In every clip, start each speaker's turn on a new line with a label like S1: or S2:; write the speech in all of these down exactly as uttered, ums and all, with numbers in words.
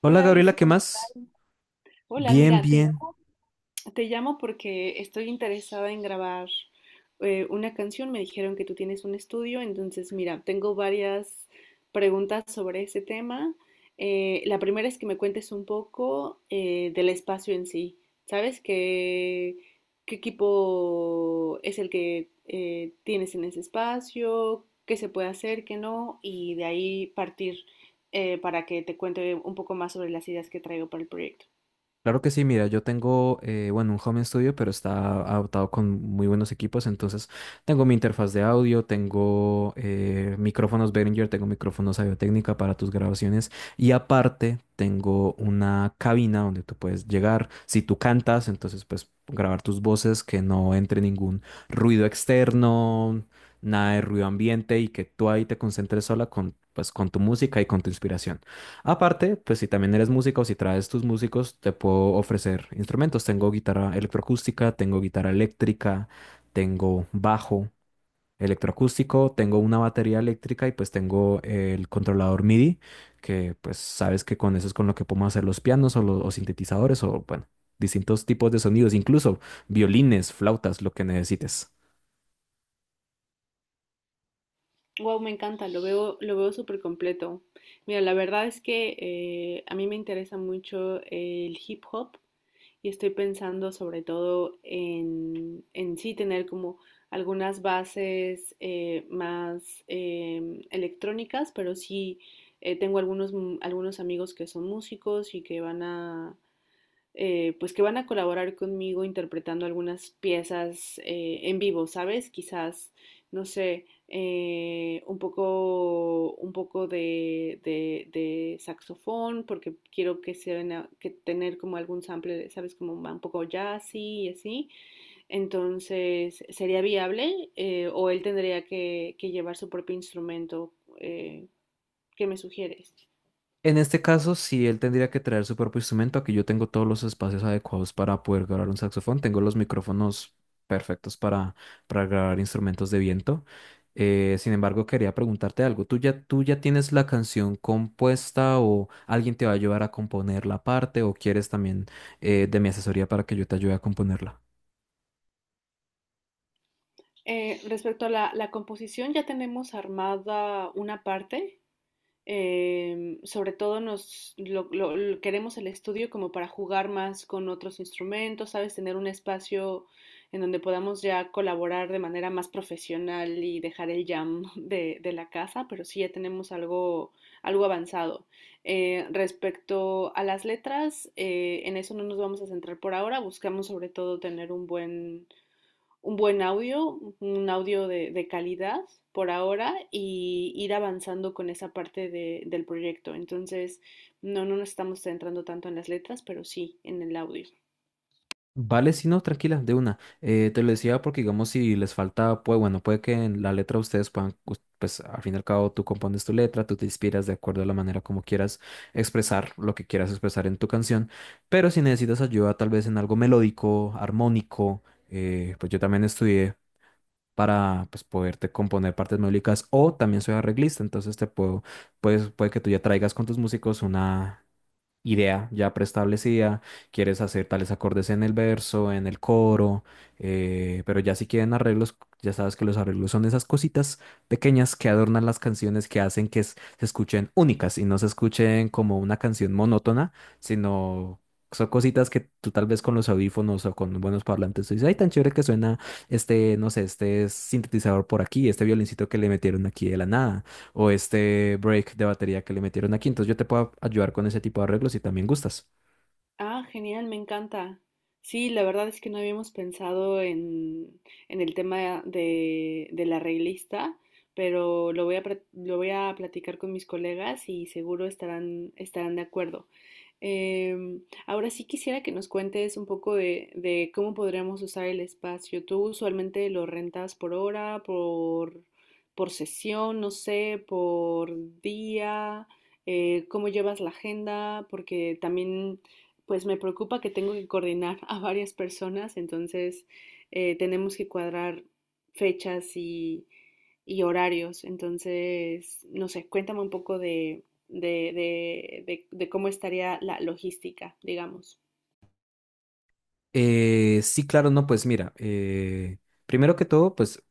S1: Hola
S2: Hola
S1: Gabriela, ¿qué
S2: Edison, ¿qué tal?
S1: más?
S2: Hola,
S1: Bien,
S2: mira, te,
S1: bien.
S2: llamo te llamo porque estoy interesada en grabar eh, una canción. Me dijeron que tú tienes un estudio, entonces mira, tengo varias preguntas sobre ese tema. Eh, la primera es que me cuentes un poco eh, del espacio en sí. ¿Sabes qué, qué equipo es el que eh, tienes en ese espacio? ¿Qué se puede hacer, qué no? Y de ahí partir eh, para que te cuente un poco más sobre las ideas que traigo para el proyecto.
S1: Claro que sí, mira, yo tengo, eh, bueno, un home studio, pero está adaptado con muy buenos equipos, entonces tengo mi interfaz de audio, tengo eh, micrófonos Behringer, tengo micrófonos Audio-Técnica para tus grabaciones y aparte tengo una cabina donde tú puedes llegar, si tú cantas, entonces pues grabar tus voces, que no entre ningún ruido externo, nada de ruido ambiente y que tú ahí te concentres sola con, pues, con tu música y con tu inspiración. Aparte, pues si también eres músico o si traes tus músicos, te puedo ofrecer instrumentos. Tengo guitarra electroacústica, tengo guitarra eléctrica, tengo bajo electroacústico, tengo una batería eléctrica y pues tengo el controlador MIDI, que pues sabes que con eso es con lo que podemos hacer los pianos o los sintetizadores o bueno, distintos tipos de sonidos, incluso violines, flautas, lo que necesites.
S2: Wow, me encanta, lo veo, lo veo súper completo. Mira, la verdad es que eh, a mí me interesa mucho el hip hop y estoy pensando sobre todo en, en sí tener como algunas bases eh, más em, electrónicas, pero sí eh, tengo algunos, mu- algunos amigos que son músicos y que van a, eh, pues que van a colaborar conmigo interpretando algunas piezas eh, en vivo, ¿sabes? Quizás, no sé, eh, un poco, un poco de, de- de saxofón, porque quiero que se ven a- que tener como algún sample, ¿sabes? Como un poco jazzy y así. Entonces, ¿sería viable? Eh, ¿o él tendría que, que llevar su propio instrumento? Eh, ¿Qué me sugieres?
S1: En este caso, sí, él tendría que traer su propio instrumento. Aquí yo tengo todos los espacios adecuados para poder grabar un saxofón. Tengo los micrófonos perfectos para, para grabar instrumentos de viento. Eh, sin embargo, quería preguntarte algo. ¿Tú ya, tú ya tienes la canción compuesta o alguien te va a ayudar a componer la parte o quieres también eh, de mi asesoría para que yo te ayude a componerla?
S2: Eh, respecto a la, la composición, ya tenemos armada una parte. Em, sobre todo nos lo- lo- lo- queremos el estudio como para jugar más con otros instrumentos, ¿sabes? Tener un espacio en donde podamos ya colaborar de manera más profesional y dejar el jam de, de la casa, pero sí ya tenemos algo, algo avanzado. Eh, respecto a las letras, eh, en eso no nos vamos a centrar por ahora, buscamos sobre todo tener un buen un buen audio, un audio de, de calidad por ahora y ir avanzando con esa parte de- del proyecto. Entonces, no, no nos estamos centrando tanto en las letras, pero sí en el audio.
S1: Vale, sí, no, tranquila, de una. Eh, te lo decía porque, digamos, si les falta, pues bueno, puede que en la letra ustedes puedan, us- pues al fin y al cabo tú compones tu letra, tú te inspiras de acuerdo a la manera como quieras expresar lo que quieras expresar en tu canción, pero si necesitas ayuda tal vez en algo melódico, armónico, eh, pues yo también estudié para, pues, poderte componer partes melódicas o también soy arreglista, entonces te puedo, pues puede que tú ya traigas con tus músicos una idea ya preestablecida, quieres hacer tales acordes en el verso, en el coro, eh, pero ya si quieren arreglos, ya sabes que los arreglos son esas cositas pequeñas que adornan las canciones, que hacen que s- se escuchen únicas y no se escuchen como una canción monótona, sino... Son cositas que tú tal vez con los audífonos o con buenos parlantes tú dices, ay, tan chévere que suena este, no sé, este sintetizador por aquí, este violincito que le metieron aquí de la nada o este break de batería que le metieron aquí. Entonces yo te puedo ayudar con ese tipo de arreglos si también gustas.
S2: Ah, genial, me encanta. Sí, la verdad es que no habíamos pensado en, en el tema de, de la reglista, pero lo voy a, pra- lo voy a platicar con mis colegas y seguro estarán, estarán de acuerdo. Em, Ahora sí quisiera que nos cuentes un poco de, de cómo podríamos usar el espacio. ¿Tú usualmente lo rentas por hora, por, por sesión, no sé, por día? Eh, ¿cómo llevas la agenda? Porque también, pues me preocupa que tengo que coordinar a varias personas, entonces eh, tenemos que cuadrar fechas y y horarios. Entonces, no sé, cuéntame un poco de, de, de, de- de cómo estaría la logística, digamos.
S1: Eh, sí, claro, no, pues mira, eh, primero que todo, pues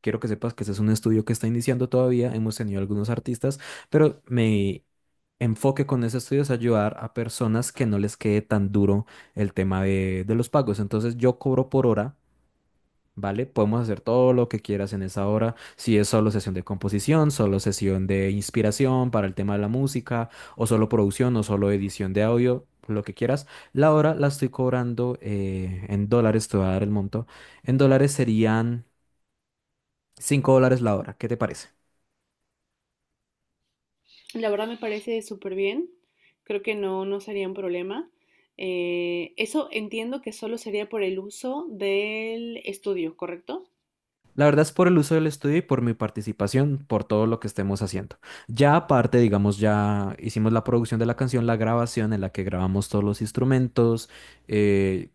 S1: quiero que sepas que este es un estudio que está iniciando todavía. Hemos tenido algunos artistas, pero mi enfoque con ese estudio es ayudar a personas que no les quede tan duro el tema de, de los pagos. Entonces yo cobro por hora. ¿Vale? Podemos hacer todo lo que quieras en esa hora. Si es solo sesión de composición, solo sesión de inspiración para el tema de la música, o solo producción, o solo edición de audio, lo que quieras. La hora la estoy cobrando eh, en dólares, te voy a dar el monto. En dólares serían cinco dólares la hora. ¿Qué te parece?
S2: La verdad me parece súper bien. Creo que no, no sería un problema. Eh, eso entiendo que solo sería por el uso del estudio, ¿correcto?
S1: La verdad es por el uso del estudio y por mi participación, por todo lo que estemos haciendo. Ya aparte, digamos, ya hicimos la producción de la canción, la grabación en la que grabamos todos los instrumentos eh,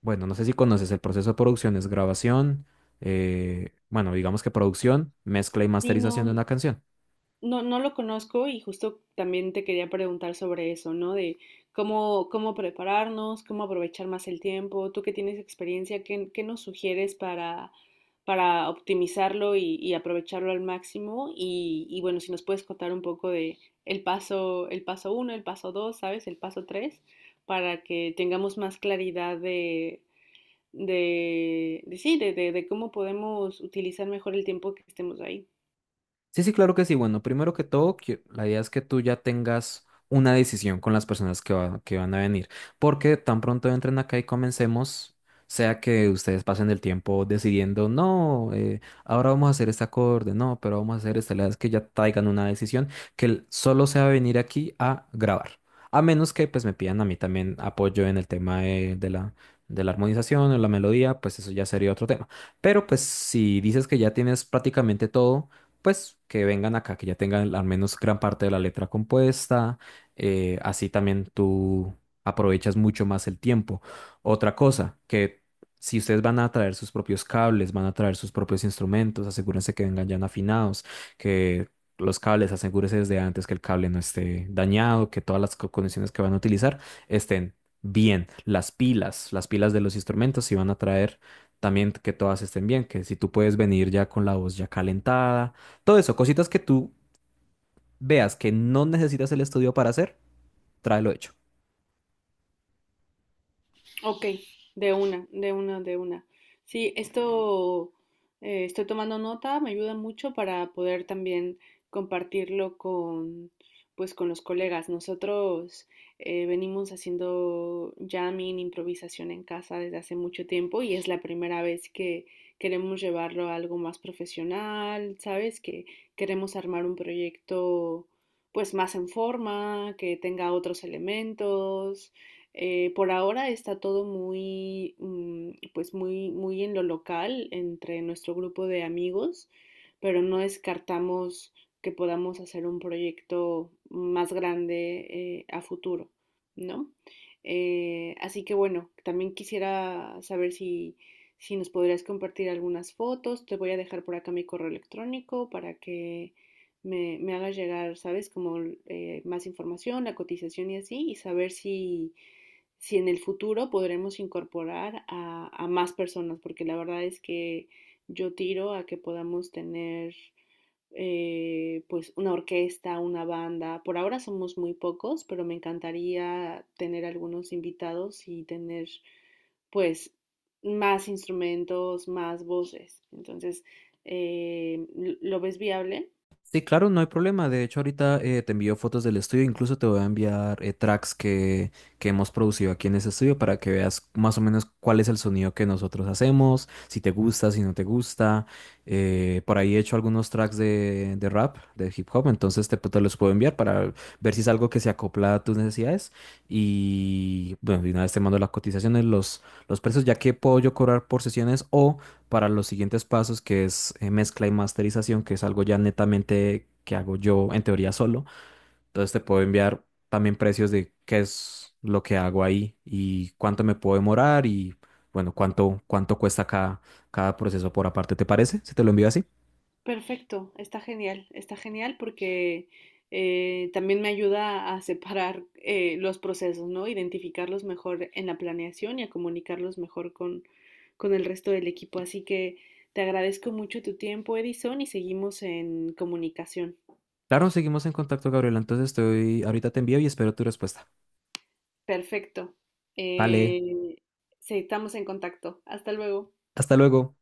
S1: Bueno, no sé si conoces el proceso de producción, es grabación, eh, bueno, digamos que producción, mezcla y
S2: Sí,
S1: masterización de
S2: no,
S1: una canción.
S2: no, no lo conozco y justo también te quería preguntar sobre eso, ¿no? De cómo, cómo prepararnos, cómo aprovechar más el tiempo. Tú que tienes experiencia, ¿qué, qué nos sugieres para, para optimizarlo y, y aprovecharlo al máximo? Y, y bueno, si nos puedes contar un poco de el paso, el paso uno, el paso dos, ¿sabes? El paso tres, para que tengamos más claridad de, de, de sí, de, de de cómo podemos utilizar mejor el tiempo que estemos ahí.
S1: Sí, sí, claro que sí. Bueno, primero que todo, que- la idea es que tú ya tengas una decisión con las personas que, va- que van a venir, porque tan pronto entren acá y comencemos, sea que ustedes pasen el tiempo decidiendo, no, eh, ahora vamos a hacer este acorde, no, pero vamos a hacer esta, la idea es que ya traigan una decisión que el- solo sea venir aquí a grabar, a menos que pues me pidan a mí también apoyo en el tema de, de la, de la armonización o la melodía, pues eso ya sería otro tema. Pero pues si dices que ya tienes prácticamente todo, pues que vengan acá, que ya tengan al menos gran parte de la letra compuesta, eh, así también tú aprovechas mucho más el tiempo. Otra cosa, que si ustedes van a traer sus propios cables, van a traer sus propios instrumentos, asegúrense que vengan ya afinados, que los cables, asegúrense desde antes que el cable no esté dañado, que todas las co- condiciones que van a utilizar estén bien. Las pilas, las pilas de los instrumentos, si van a traer también que todas estén bien, que si tú puedes venir ya con la voz ya calentada, todo eso, cositas que tú veas que no necesitas el estudio para hacer, tráelo hecho.
S2: Ok, de una, de una, de una. Sí, esto eh, estoy tomando nota, me ayuda mucho para poder también compartirlo con, pues, con los colegas. Nosotros eh, venimos haciendo jamming, improvisación en casa desde hace mucho tiempo y es la primera vez que queremos llevarlo a algo más profesional, ¿sabes? Que queremos armar un proyecto, pues, más en forma, que tenga otros elementos eh, por ahora está todo muy, mm, pues muy, muy en lo local, entre nuestro grupo de amigos, pero no descartamos que podamos hacer un proyecto más grande eh, a futuro, ¿no? Eh, así que bueno, también quisiera saber si, si nos podrías compartir algunas fotos. Te voy a dejar por acá mi correo electrónico para que me, me hagas llegar, ¿sabes? Como eh, más información, la cotización y así, y saber si, si en el futuro podremos incorporar a, a más personas, porque la verdad es que yo tiro a que podamos tener eh, pues una orquesta, una banda. Por ahora somos muy pocos, pero me encantaría tener algunos invitados y tener pues más instrumentos, más voces. Entonces, eh, ¿lo ves viable?
S1: Sí, claro, no hay problema. De hecho, ahorita eh, te envío fotos del estudio. Incluso te voy a enviar eh, tracks que, que hemos producido aquí en ese estudio para que veas más o menos cuál es el sonido que nosotros hacemos, si te gusta, si no te gusta. Eh, por ahí he hecho algunos tracks de, de rap, de hip hop, entonces te, te los puedo enviar para ver si es algo que se acopla a tus necesidades. Y bueno, de una vez te mando las cotizaciones, los, los precios, ya que puedo yo cobrar por sesiones o para los siguientes pasos, que es eh, mezcla y masterización, que es algo ya netamente que hago yo en teoría solo. Entonces te puedo enviar también precios de qué es lo que hago ahí y cuánto me puedo demorar y bueno, cuánto, cuánto cuesta cada, cada proceso por aparte. ¿Te parece? Si te lo envío así.
S2: Perfecto, está genial, está genial porque eh, también me ayuda a separar eh, los procesos, ¿no? Identificarlos mejor en la planeación y a comunicarlos mejor con, con el resto del equipo. Así que te agradezco mucho tu tiempo, Edison, y seguimos en comunicación.
S1: Claro, seguimos en contacto, Gabriela. Entonces estoy, ahorita te envío y espero tu respuesta.
S2: Perfecto.
S1: Vale,
S2: Eh, sí, estamos en contacto. Hasta luego.
S1: hasta luego.